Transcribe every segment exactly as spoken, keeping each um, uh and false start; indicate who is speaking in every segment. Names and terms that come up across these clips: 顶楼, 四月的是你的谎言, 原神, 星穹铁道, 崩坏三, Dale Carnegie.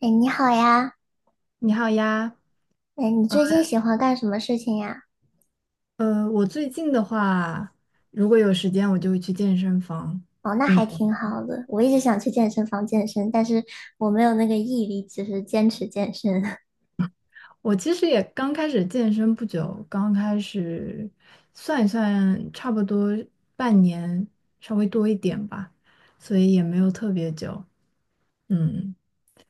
Speaker 1: 哎，你好呀！
Speaker 2: 你好呀，
Speaker 1: 哎，你最近喜欢干什么事情呀？
Speaker 2: 呃，我最近的话，如果有时间，我就会去健身房
Speaker 1: 哦，那
Speaker 2: 运
Speaker 1: 还
Speaker 2: 动。
Speaker 1: 挺好的。我一直想去健身房健身，但是我没有那个毅力，就是坚持健身。
Speaker 2: 我其实也刚开始健身不久，刚开始算一算，差不多半年，稍微多一点吧，所以也没有特别久。嗯。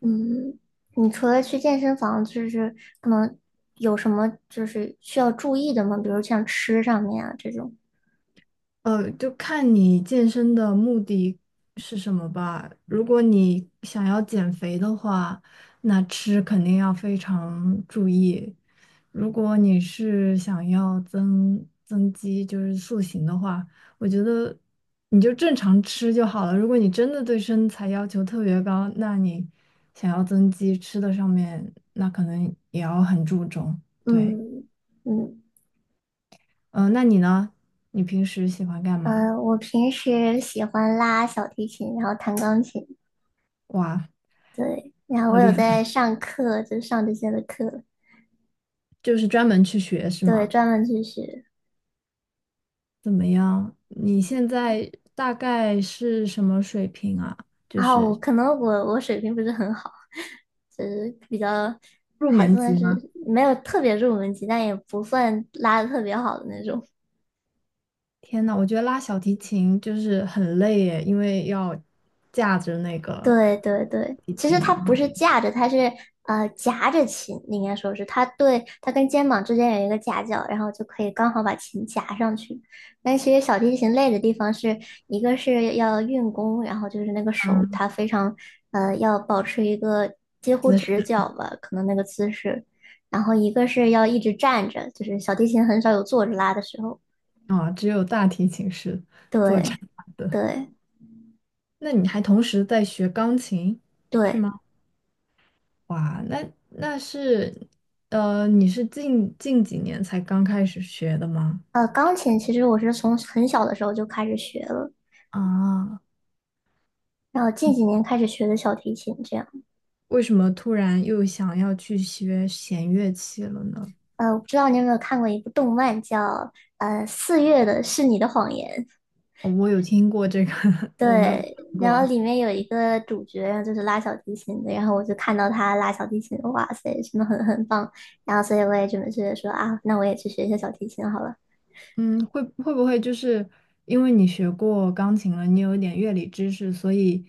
Speaker 1: 嗯，你除了去健身房，就是可能有什么就是需要注意的吗？比如像吃上面啊这种。
Speaker 2: 呃，就看你健身的目的是什么吧。如果你想要减肥的话，那吃肯定要非常注意。如果你是想要增增肌，就是塑形的话，我觉得你就正常吃就好了。如果你真的对身材要求特别高，那你想要增肌，吃的上面那可能也要很注重。对，
Speaker 1: 嗯嗯。
Speaker 2: 嗯、那你呢？你平时喜欢干嘛？
Speaker 1: 嗯，我平时喜欢拉小提琴，然后弹钢琴，
Speaker 2: 哇，
Speaker 1: 对，然后
Speaker 2: 好
Speaker 1: 我有
Speaker 2: 厉
Speaker 1: 在
Speaker 2: 害！
Speaker 1: 上课，就上这些的课，
Speaker 2: 就是专门去学是
Speaker 1: 对，
Speaker 2: 吗？
Speaker 1: 专门去学。
Speaker 2: 怎么样？你现在大概是什么水平啊？就
Speaker 1: 然后
Speaker 2: 是
Speaker 1: 我可能我我水平不是很好，就是比较
Speaker 2: 入
Speaker 1: 还
Speaker 2: 门
Speaker 1: 算
Speaker 2: 级
Speaker 1: 是
Speaker 2: 吗？
Speaker 1: 没有特别入门级，但也不算拉的特别好的那种。
Speaker 2: 天呐，我觉得拉小提琴就是很累耶，因为要架着那个
Speaker 1: 对对对，
Speaker 2: 提
Speaker 1: 其实
Speaker 2: 琴
Speaker 1: 它
Speaker 2: 啊，
Speaker 1: 不是架着，它是呃夹着琴，应该说是它对它跟肩膀之间有一个夹角，然后就可以刚好把琴夹上去。但其实小提琴累的地方是一个是要运弓，然后就是那个手它非常呃要保持一个几乎
Speaker 2: 姿
Speaker 1: 直
Speaker 2: 势
Speaker 1: 角吧，可能那个姿势，然后一个是要一直站着，就是小提琴很少有坐着拉的时候。
Speaker 2: 啊，只有大提琴是坐着
Speaker 1: 对
Speaker 2: 的。
Speaker 1: 对
Speaker 2: 那你还同时在学钢琴？
Speaker 1: 对，
Speaker 2: 哇，那那是，呃，你是近近几年才刚开始学的吗？
Speaker 1: 呃，钢琴其实我是从很小的时候就开始学了。
Speaker 2: 啊。
Speaker 1: 然后近几年开始学的小提琴，这样。
Speaker 2: 为什么突然又想要去学弦乐器了呢？
Speaker 1: 呃，我不知道你有没有看过一部动漫叫呃《四月的是你的谎言》，
Speaker 2: 哦我有听过这个，我没有听
Speaker 1: 对，然后
Speaker 2: 过。
Speaker 1: 里面有一个主角，然后就是拉小提琴的，然后我就看到他拉小提琴，哇塞，真的很很棒，然后所以我也准备去说啊，那我也去学一下小提琴好了。
Speaker 2: 嗯，会会不会就是因为你学过钢琴了，你有一点乐理知识，所以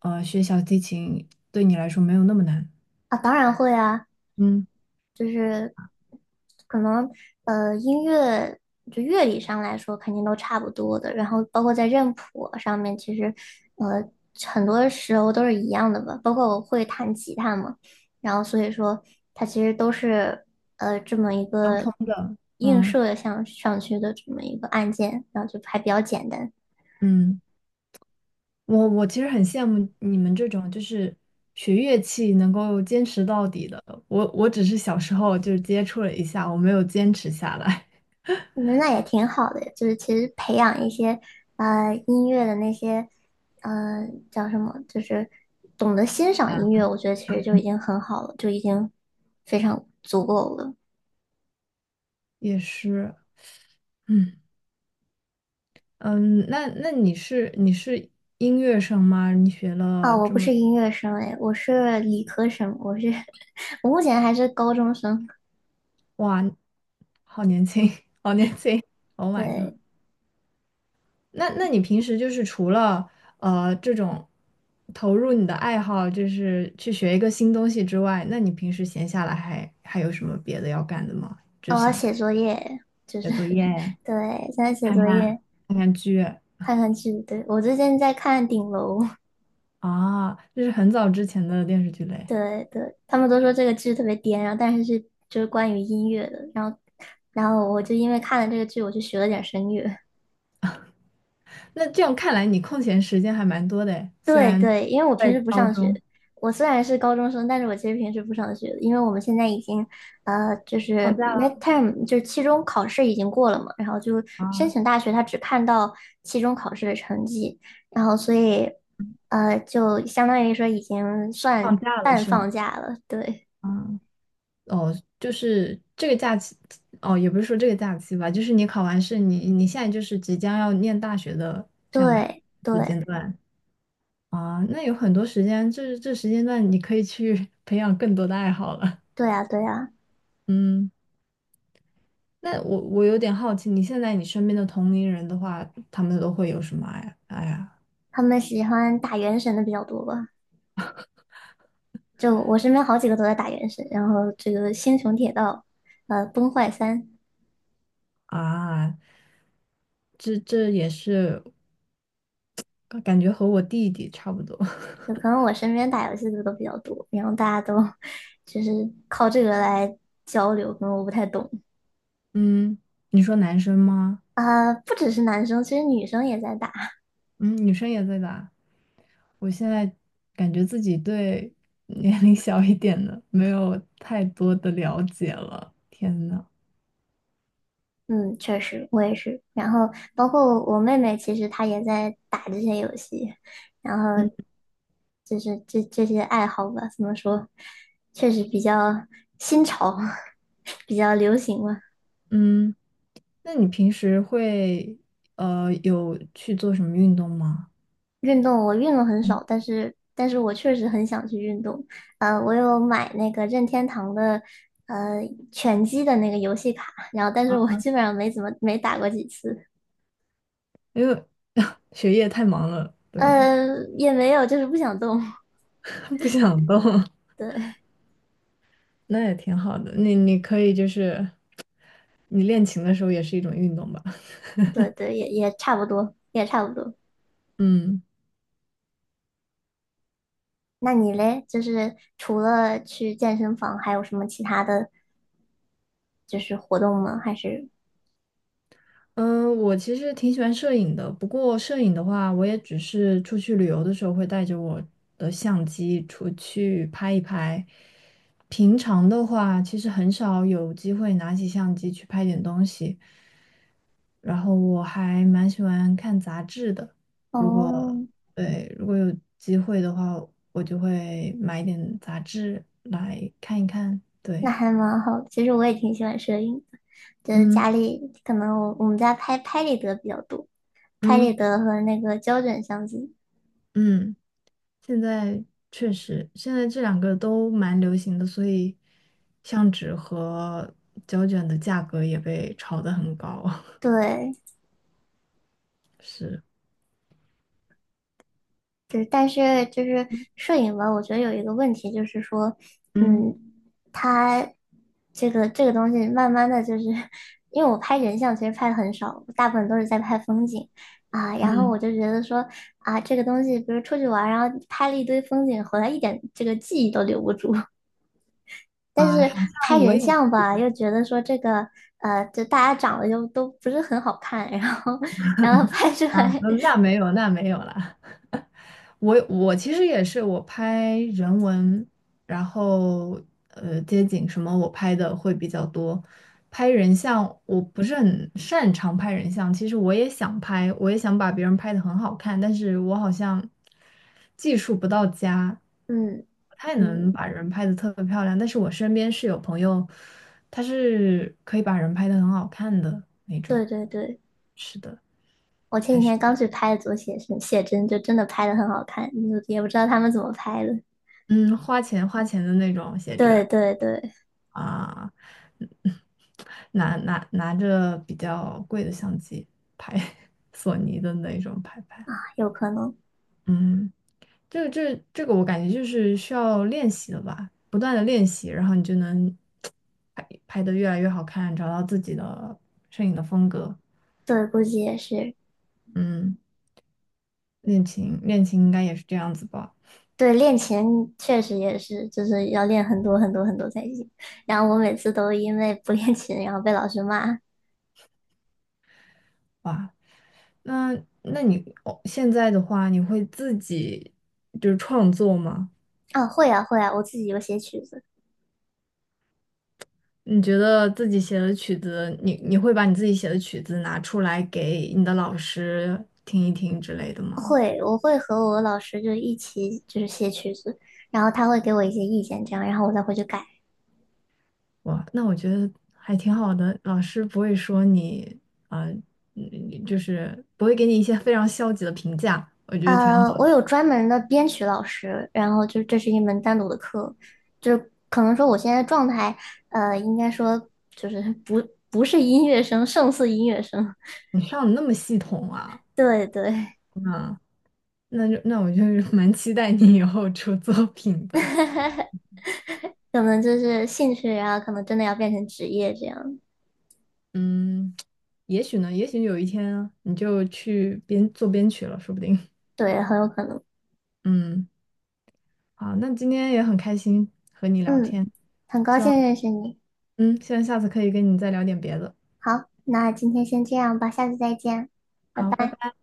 Speaker 2: 呃，学小提琴对你来说没有那么难？
Speaker 1: 啊，当然会啊，
Speaker 2: 嗯，
Speaker 1: 能呃音乐就乐理上来说肯定都差不多的，然后包括在认谱上面，其实呃很多时候都是一样的吧。包括我会弹吉他嘛，然后所以说它其实都是呃这么一
Speaker 2: 相
Speaker 1: 个
Speaker 2: 通的。
Speaker 1: 映
Speaker 2: 嗯
Speaker 1: 射向上去的这么一个按键，然后就还比较简单。
Speaker 2: 嗯，我我其实很羡慕你们这种就是学乐器能够坚持到底的。我我只是小时候就是接触了一下，我没有坚持下来。
Speaker 1: 嗯，那也挺好的，就是其实培养一些呃音乐的那些呃叫什么，就是懂得欣赏音乐，我觉得其实就已经很好了，就已经非常足够了。
Speaker 2: 也是，嗯。嗯，那那你是你是音乐生吗？你学
Speaker 1: 啊，
Speaker 2: 了
Speaker 1: 我
Speaker 2: 这
Speaker 1: 不
Speaker 2: 么，
Speaker 1: 是音乐生诶，我是理科生，我是 我目前还是高中生。
Speaker 2: 哇，好年轻，好年轻，Oh my god！
Speaker 1: 对，
Speaker 2: 那那你平时就是除了呃这种投入你的爱好，就是去学一个新东西之外，那你平时闲下来还还有什么别的要干的吗？就
Speaker 1: 哦
Speaker 2: 是
Speaker 1: 我要
Speaker 2: 想
Speaker 1: 写作业，就
Speaker 2: 写
Speaker 1: 是
Speaker 2: 作 业、
Speaker 1: 对，现在写
Speaker 2: 看
Speaker 1: 作
Speaker 2: 看
Speaker 1: 业，
Speaker 2: 看看剧
Speaker 1: 看看剧。对，我最近在看《顶楼》。
Speaker 2: 啊，这是很早之前的电视剧嘞。
Speaker 1: 对对，他们都说这个剧特别颠，然后但是是就是关于音乐的，然后然后我就因为看了这个剧，我就学了点声乐。
Speaker 2: 那这样看来，你空闲时间还蛮多的诶，虽
Speaker 1: 对
Speaker 2: 然
Speaker 1: 对，因为我平
Speaker 2: 在
Speaker 1: 时不
Speaker 2: 高
Speaker 1: 上
Speaker 2: 中。
Speaker 1: 学，我虽然是高中生，但是我其实平时不上学的因为我们现在已经呃就是
Speaker 2: 放假了
Speaker 1: midterm 就是期中考试已经过了嘛，然后就申
Speaker 2: 啊，
Speaker 1: 请大学，他只看到期中考试的成绩，然后所以呃就相当于说已经算
Speaker 2: 放假了
Speaker 1: 半
Speaker 2: 是吗？
Speaker 1: 放假了，对
Speaker 2: 啊，哦，就是这个假期，哦，也不是说这个假期吧，就是你考完试，你你现在就是即将要念大学的这样的
Speaker 1: 对
Speaker 2: 时间
Speaker 1: 对
Speaker 2: 段啊，那有很多时间，这这时间段你可以去 培养更多的爱好了。
Speaker 1: 对啊对啊。
Speaker 2: 嗯，那我我有点好奇，你现在你身边的同龄人的话，他们都会有什么爱爱呀
Speaker 1: 他们喜欢打原神的比较多吧？就我身边好几个都在打原神，然后这个《星穹铁道》呃《崩坏三》，
Speaker 2: 啊？这这也是感觉和我弟弟差不多。
Speaker 1: 就可能我身边打游戏的都比较多，然后大家都 就是靠这个来交流，可能我不太懂。
Speaker 2: 嗯，你说男生吗？
Speaker 1: 啊、不只是男生，其实女生也在打。
Speaker 2: 嗯，女生也在打。我现在感觉自己对 年龄小一点的没有太多的了解了。天呐，
Speaker 1: 嗯，确实我也是。然后包括我妹妹，其实她也在打这些游戏，然后
Speaker 2: 嗯
Speaker 1: 就是这这些爱好吧，怎么说，确实比较新潮，比较流行吧。
Speaker 2: 嗯，那你平时会呃有去做什么运动吗？
Speaker 1: 运动我运动很少，但是但是我确实很想去运动。呃，我有买那个任天堂的呃拳击的那个游戏卡，然后但是我基本上没怎么没打过几次，
Speaker 2: 因为 学业太忙了，对吗？
Speaker 1: 呃，也没有就是不想动。
Speaker 2: 不想动，
Speaker 1: 对
Speaker 2: 那也挺好的。你你可以就是你练琴的时候也是一种运动吧？
Speaker 1: 对对，也也差不多，也差不多。
Speaker 2: 嗯。
Speaker 1: 那你嘞，就是除了去健身房，还有什么其他的就是活动吗？还是
Speaker 2: 嗯，呃我其实挺喜欢摄影的，不过摄影的话，我也只是出去旅游的时候会带着我的相机出去拍一拍。平常的话，其实很少有机会拿起相机去拍点东西。然后我还蛮喜欢看杂志的，如果
Speaker 1: 哦，
Speaker 2: 对，如果有机会的话，我就会买一点杂志来看一看。
Speaker 1: 那
Speaker 2: 对，
Speaker 1: 还蛮好的，其实我也挺喜欢摄影的，就是
Speaker 2: 嗯
Speaker 1: 家里可能我我们家拍拍立得比较多。拍立
Speaker 2: 嗯
Speaker 1: 得和那个胶卷相机。
Speaker 2: 嗯。现在确实，现在这两个都蛮流行的，所以相纸和胶卷的价格也被炒得很高。
Speaker 1: 对，
Speaker 2: 是，
Speaker 1: 就是但是就是摄影吧，我觉得有一个问题就是说，
Speaker 2: 嗯
Speaker 1: 嗯，它这个这个东西慢慢的就是，因为我拍人像其实拍的很少，大部分都是在拍风景啊，然后我
Speaker 2: 嗯，
Speaker 1: 就觉得说啊，这个东西比如出去玩儿然后拍了一堆风景，回来一点这个记忆都留不住。但
Speaker 2: 啊，
Speaker 1: 是
Speaker 2: 好
Speaker 1: 拍
Speaker 2: 像我
Speaker 1: 人
Speaker 2: 也是
Speaker 1: 像吧，又觉得说这个，呃，就大家长得就都不是很好看，然后，然后拍出
Speaker 2: 啊，
Speaker 1: 来
Speaker 2: 那没有，那没有了。我我其实也是，我拍人文，然后呃街景什么我拍的会比较多。拍人像我不是很擅长拍人像，其实我也想拍，我也想把别人拍的很好看，但是我好像技术不到家，
Speaker 1: 嗯
Speaker 2: 不太能
Speaker 1: 嗯，
Speaker 2: 把人拍的特别漂亮。但是我身边是有朋友，他是可以把人拍的很好看的那种，
Speaker 1: 对对对，
Speaker 2: 是的，
Speaker 1: 我前
Speaker 2: 还
Speaker 1: 几
Speaker 2: 是
Speaker 1: 天刚去拍的左写生写真，就真的拍的很好看，就也不知道他们怎么拍的。
Speaker 2: 嗯花钱花钱的那种写真。
Speaker 1: 对对对，
Speaker 2: 啊，嗯拿拿拿着比较贵的相机拍 索尼的那种拍拍。
Speaker 1: 有可能，
Speaker 2: 嗯，这个这这个我感觉就是需要练习的吧，不断的练习，然后你就能拍拍得越来越好看，找到自己的摄影的风格。
Speaker 1: 对，估计也是。
Speaker 2: 嗯，练琴练琴应该也是这样子吧？
Speaker 1: 对，练琴确实也是，就是要练很多很多很多才行。然后我每次都因为不练琴，然后被老师骂。
Speaker 2: 哇，那那你哦，现在的话，你会自己就是创作吗？
Speaker 1: 啊，会啊会啊，我自己有写曲子，
Speaker 2: 你觉得自己写的曲子，你你会把你自己写的曲子拿出来给你的老师听一听之类的吗？
Speaker 1: 会，我会和我老师就一起就是写曲子，然后他会给我一些意见，这样，然后我再回去改。
Speaker 2: 哇，那我觉得还挺好的，老师不会说你，呃，嗯就是不会给你一些非常消极的评价，我觉得挺
Speaker 1: 呃，
Speaker 2: 好
Speaker 1: 我
Speaker 2: 的。
Speaker 1: 有专门的编曲老师，然后就是这是一门单独的课，就是可能说我现在状态，呃，应该说就是不不是音乐生，胜似音乐生，
Speaker 2: 你上的那么系统啊，
Speaker 1: 对对，
Speaker 2: 嗯，那就那我就 是蛮期待你以后出作品的，
Speaker 1: 可能就是兴趣啊，然后可能真的要变成职业这样，
Speaker 2: 嗯，也许呢，也许有一天你就去编做编曲了，说不定，
Speaker 1: 对，很有可能，
Speaker 2: 嗯。好，那今天也很开心和你聊
Speaker 1: 嗯，
Speaker 2: 天，
Speaker 1: 很高兴认识你，
Speaker 2: 嗯，希望下次可以跟你再聊点别的。
Speaker 1: 好，那今天先这样吧，下次再见，拜
Speaker 2: 好，拜
Speaker 1: 拜。
Speaker 2: 拜。